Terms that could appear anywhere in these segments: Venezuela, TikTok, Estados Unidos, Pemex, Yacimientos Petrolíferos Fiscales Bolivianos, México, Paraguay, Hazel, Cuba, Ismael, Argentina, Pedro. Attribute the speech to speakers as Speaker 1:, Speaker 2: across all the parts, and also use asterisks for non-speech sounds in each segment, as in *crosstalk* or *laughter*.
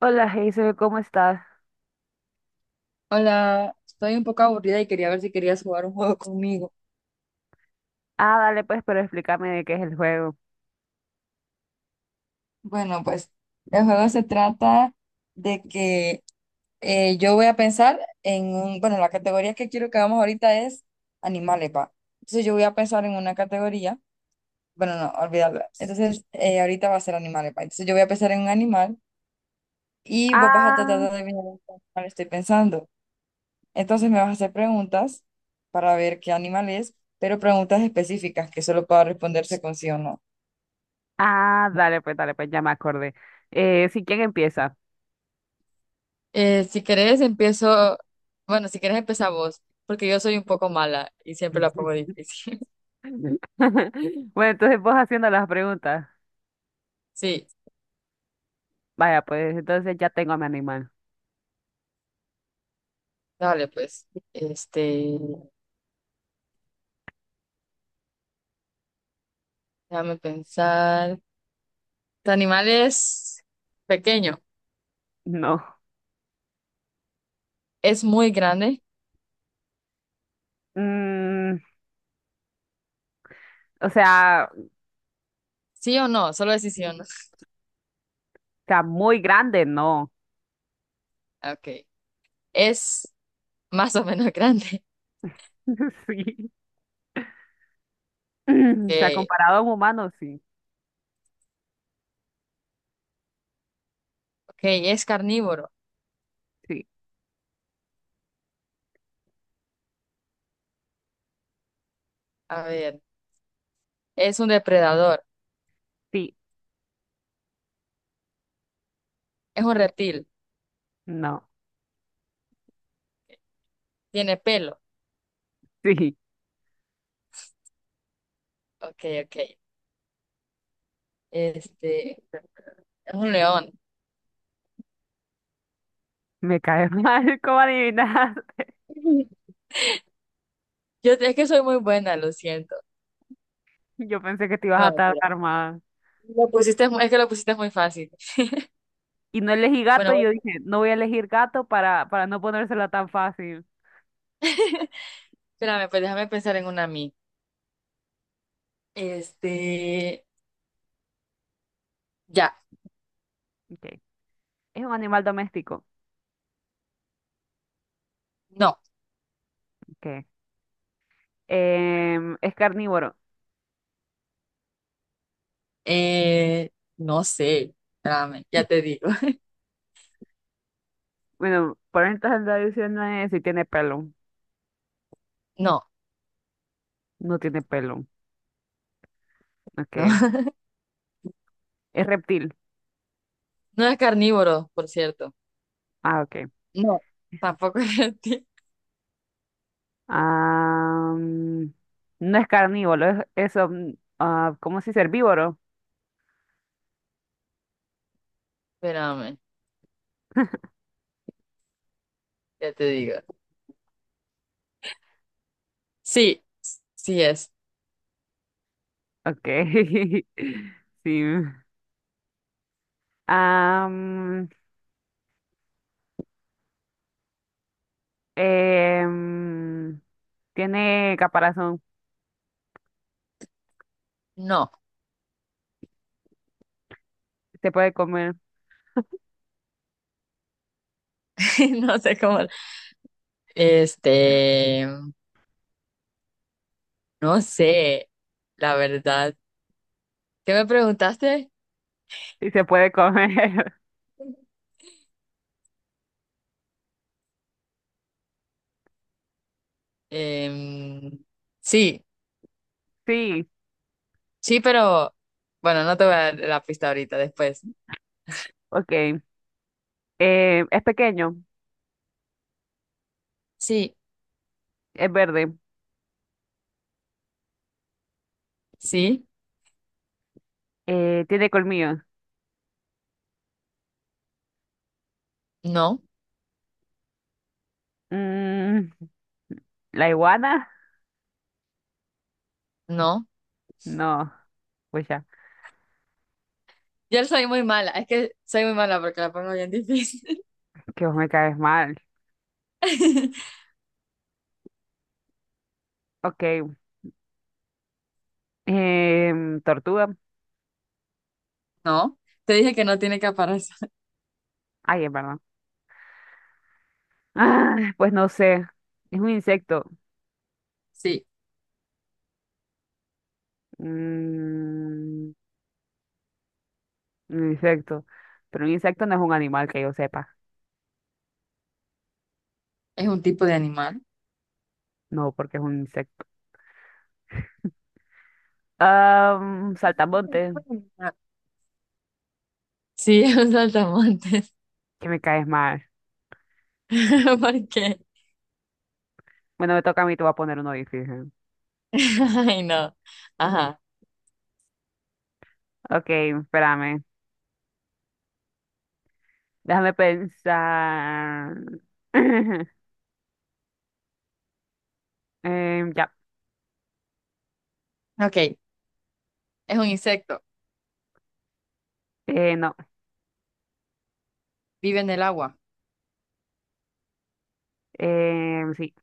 Speaker 1: Hola, Hazel, ¿cómo estás?
Speaker 2: Hola, estoy un poco aburrida y quería ver si querías jugar un juego conmigo.
Speaker 1: Ah, dale pues, pero explícame de qué es el juego.
Speaker 2: Bueno, pues el juego se trata de que yo voy a pensar en un, bueno, la categoría que quiero que hagamos ahorita es animales, pa. Entonces yo voy a pensar en una categoría, bueno, no, olvídalo. Entonces ahorita va a ser animales, pa. Entonces yo voy a pensar en un animal y vos vas a tratar de
Speaker 1: Ah,
Speaker 2: adivinar en qué animal estoy pensando. Entonces me vas a hacer preguntas para ver qué animal es, pero preguntas específicas que solo pueda responderse con sí o no.
Speaker 1: ah, dale pues, ya me acordé. Sí, ¿quién empieza?
Speaker 2: Si querés, empiezo. Bueno, si querés, empezar vos, porque yo soy un poco mala y siempre la pongo
Speaker 1: *laughs*
Speaker 2: difícil. *laughs*
Speaker 1: Bueno, entonces vos haciendo las preguntas.
Speaker 2: Sí,
Speaker 1: Vaya, pues entonces ya tengo a mi animal.
Speaker 2: dale, pues. Este, déjame pensar. ¿Tu animal es pequeño?
Speaker 1: No.
Speaker 2: ¿Es muy grande?
Speaker 1: Mm, o sea, o
Speaker 2: ¿Sí o no? Solo decís sí o no.
Speaker 1: sea, muy grande, no.
Speaker 2: *laughs* Ok. ¿Es más o menos *laughs* grande?
Speaker 1: *laughs* Sí. *clears throat* O sea,
Speaker 2: Ok.
Speaker 1: comparado a un humano, sí.
Speaker 2: Ok, ¿es carnívoro?
Speaker 1: Sí,
Speaker 2: A ver. ¿Es un depredador?
Speaker 1: sí,
Speaker 2: ¿Es un reptil?
Speaker 1: no.
Speaker 2: ¿Tiene pelo?
Speaker 1: Sí,
Speaker 2: Ok, ok. Este, es un león.
Speaker 1: me cae mal, *laughs* ¿cómo adivinas?
Speaker 2: *laughs* Yo es que soy muy buena, lo siento.
Speaker 1: Yo pensé que te ibas
Speaker 2: No,
Speaker 1: a
Speaker 2: mentira.
Speaker 1: tardar más.
Speaker 2: Lo pusiste, es que lo pusiste muy fácil.
Speaker 1: Y no elegí gato,
Speaker 2: Bueno,
Speaker 1: y
Speaker 2: voy-
Speaker 1: yo dije, no voy a elegir gato para no ponérsela tan fácil.
Speaker 2: *laughs* espérame, pues déjame pensar en una a mí. Este, ya,
Speaker 1: Okay. Es un animal doméstico.
Speaker 2: no.
Speaker 1: Okay. Es carnívoro.
Speaker 2: Eh, no sé. Espérame, ya te digo. *laughs*
Speaker 1: Bueno, por entonces la división no si tiene pelo.
Speaker 2: No,
Speaker 1: No tiene pelo. Okay.
Speaker 2: no. *laughs*
Speaker 1: Es reptil.
Speaker 2: No es carnívoro, por cierto.
Speaker 1: Ah, okay.
Speaker 2: No, tampoco es *laughs* reptil.
Speaker 1: Ah, mm, no es carnívoro, es ah, ¿cómo se dice? Herbívoro.
Speaker 2: Espérame, ya te digo. Sí, sí es.
Speaker 1: Okay. *laughs* Sí. Ah, mm, em, tiene caparazón.
Speaker 2: No,
Speaker 1: Se puede comer.
Speaker 2: *laughs* no sé cómo. Este, no sé, la verdad. ¿Qué me preguntaste?
Speaker 1: Sí se puede comer.
Speaker 2: Em, sí,
Speaker 1: *laughs* Sí,
Speaker 2: sí, pero bueno, no te voy a dar la pista ahorita, después.
Speaker 1: ok. Es pequeño,
Speaker 2: Sí,
Speaker 1: es verde,
Speaker 2: sí,
Speaker 1: tiene colmillos.
Speaker 2: no,
Speaker 1: Mm, ¿La iguana?
Speaker 2: no.
Speaker 1: No, pues ya,
Speaker 2: Yo soy muy mala, es que soy muy mala porque la pongo bien difícil.
Speaker 1: que vos me caes mal.
Speaker 2: *laughs*
Speaker 1: Ok, ¿tortuga?
Speaker 2: No, te dije que no tiene caparazón.
Speaker 1: Ay, es verdad. *laughs* Ah, pues no sé, es un insecto.
Speaker 2: Sí,
Speaker 1: Mm, un insecto. Pero un insecto no es un animal que yo sepa.
Speaker 2: es un tipo de animal.
Speaker 1: No, porque es un insecto. Ah,
Speaker 2: Es un
Speaker 1: saltamontes,
Speaker 2: tipo de animal. Sí, *laughs* es un saltamontes.
Speaker 1: que me caes mal.
Speaker 2: *laughs* ¿Por qué?
Speaker 1: Bueno, me toca a mí, te voy a poner uno difícil.
Speaker 2: *laughs* Ay, no. Ajá.
Speaker 1: Ok, espérame. Déjame pensar. *laughs* Ya.
Speaker 2: Ok, es un insecto,
Speaker 1: No.
Speaker 2: vive en el agua,
Speaker 1: Sí.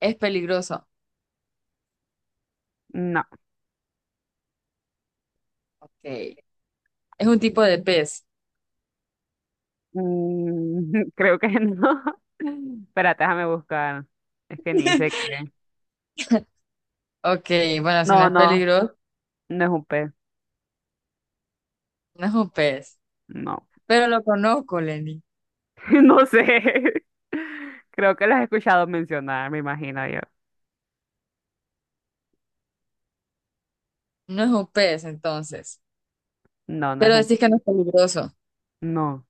Speaker 2: es peligroso.
Speaker 1: No.
Speaker 2: Ok, es un tipo de pez.
Speaker 1: *laughs* Creo que no. *laughs* Espérate, déjame buscar. Es que ni sé
Speaker 2: *laughs*
Speaker 1: qué.
Speaker 2: Ok, bueno, si no
Speaker 1: No,
Speaker 2: es
Speaker 1: no.
Speaker 2: peligroso,
Speaker 1: No es un pez.
Speaker 2: no es un pez.
Speaker 1: No.
Speaker 2: Pero lo conozco, Lenny.
Speaker 1: *laughs* No sé. *laughs* Creo que lo has escuchado mencionar, me imagino yo.
Speaker 2: No es un pez, entonces.
Speaker 1: No, no es
Speaker 2: Pero
Speaker 1: un...
Speaker 2: decís que no es peligroso.
Speaker 1: No.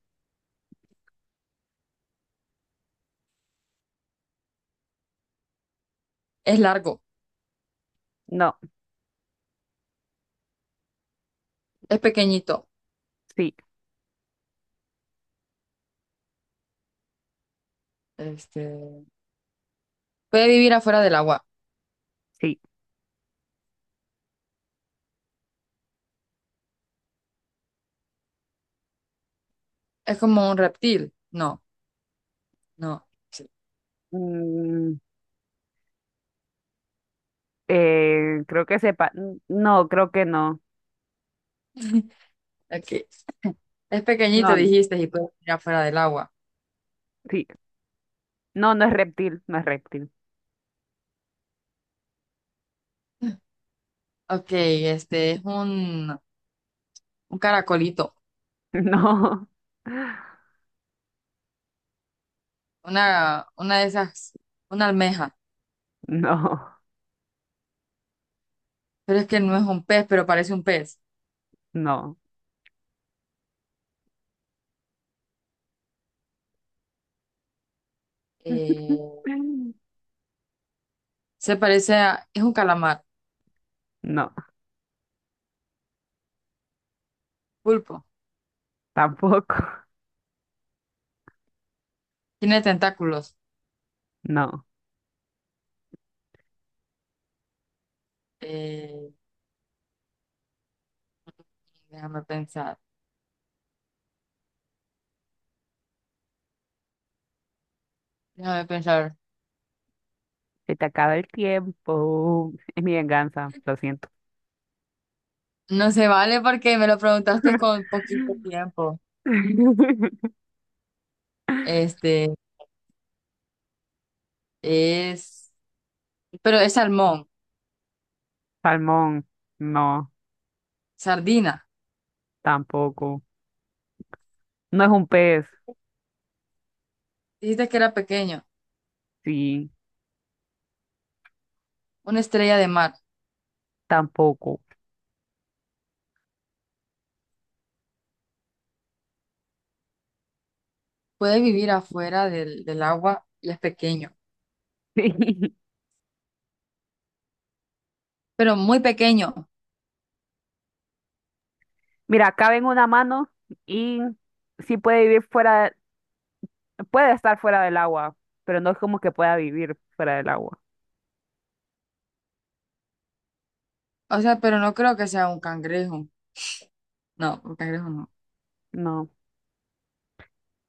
Speaker 2: Es largo,
Speaker 1: No.
Speaker 2: es pequeñito.
Speaker 1: Sí.
Speaker 2: Este, puede vivir afuera del agua.
Speaker 1: Sí.
Speaker 2: Es como un reptil. No, no. Sí.
Speaker 1: Mm, creo que sepa. No, creo que no.
Speaker 2: Ok. Es pequeñito,
Speaker 1: No.
Speaker 2: dijiste, y puede vivir afuera del agua.
Speaker 1: Sí. No, no es reptil, no es reptil.
Speaker 2: Ok, este es un caracolito.
Speaker 1: *laughs*
Speaker 2: Una de esas, una almeja.
Speaker 1: No, no,
Speaker 2: Pero es que no es un pez, pero parece un pez.
Speaker 1: no.
Speaker 2: Eh,
Speaker 1: *laughs*
Speaker 2: se parece a, es un calamar.
Speaker 1: No,
Speaker 2: Pulpo.
Speaker 1: tampoco.
Speaker 2: Tiene tentáculos.
Speaker 1: No.
Speaker 2: Eh, déjame pensar. Déjame pensar.
Speaker 1: Se te acaba el tiempo. Es mi venganza, lo siento.
Speaker 2: No se vale porque me lo preguntaste con poquito
Speaker 1: *laughs*
Speaker 2: tiempo. Este es. Pero es salmón.
Speaker 1: Salmón, no,
Speaker 2: Sardina.
Speaker 1: tampoco. No es un pez,
Speaker 2: Dijiste que era pequeño.
Speaker 1: sí,
Speaker 2: Una estrella de mar.
Speaker 1: tampoco.
Speaker 2: Puede vivir afuera del agua y es pequeño.
Speaker 1: *laughs*
Speaker 2: Pero muy pequeño.
Speaker 1: Mira, cabe en una mano y sí puede vivir fuera, puede estar fuera del agua, pero no es como que pueda vivir fuera del agua.
Speaker 2: O sea, pero no creo que sea un cangrejo. No, un cangrejo no.
Speaker 1: No.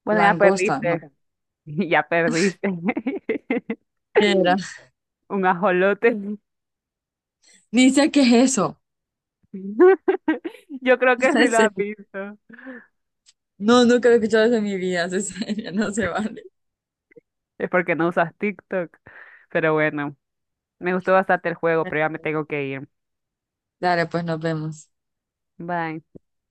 Speaker 1: Bueno, ya
Speaker 2: Langosta, no.
Speaker 1: perdiste. *laughs* Y ya perdiste. *laughs*
Speaker 2: ¿Qué era?
Speaker 1: Un ajolote.
Speaker 2: Dice que es eso.
Speaker 1: *laughs* Yo creo
Speaker 2: *laughs*
Speaker 1: que
Speaker 2: No
Speaker 1: sí lo
Speaker 2: sé.
Speaker 1: has visto.
Speaker 2: No, nunca lo he escuchado eso en mi vida, *laughs* Cecilia, no se vale.
Speaker 1: Es porque no usas TikTok. Pero bueno, me gustó bastante el juego, pero ya me tengo que ir.
Speaker 2: Dale, pues nos vemos.
Speaker 1: Bye.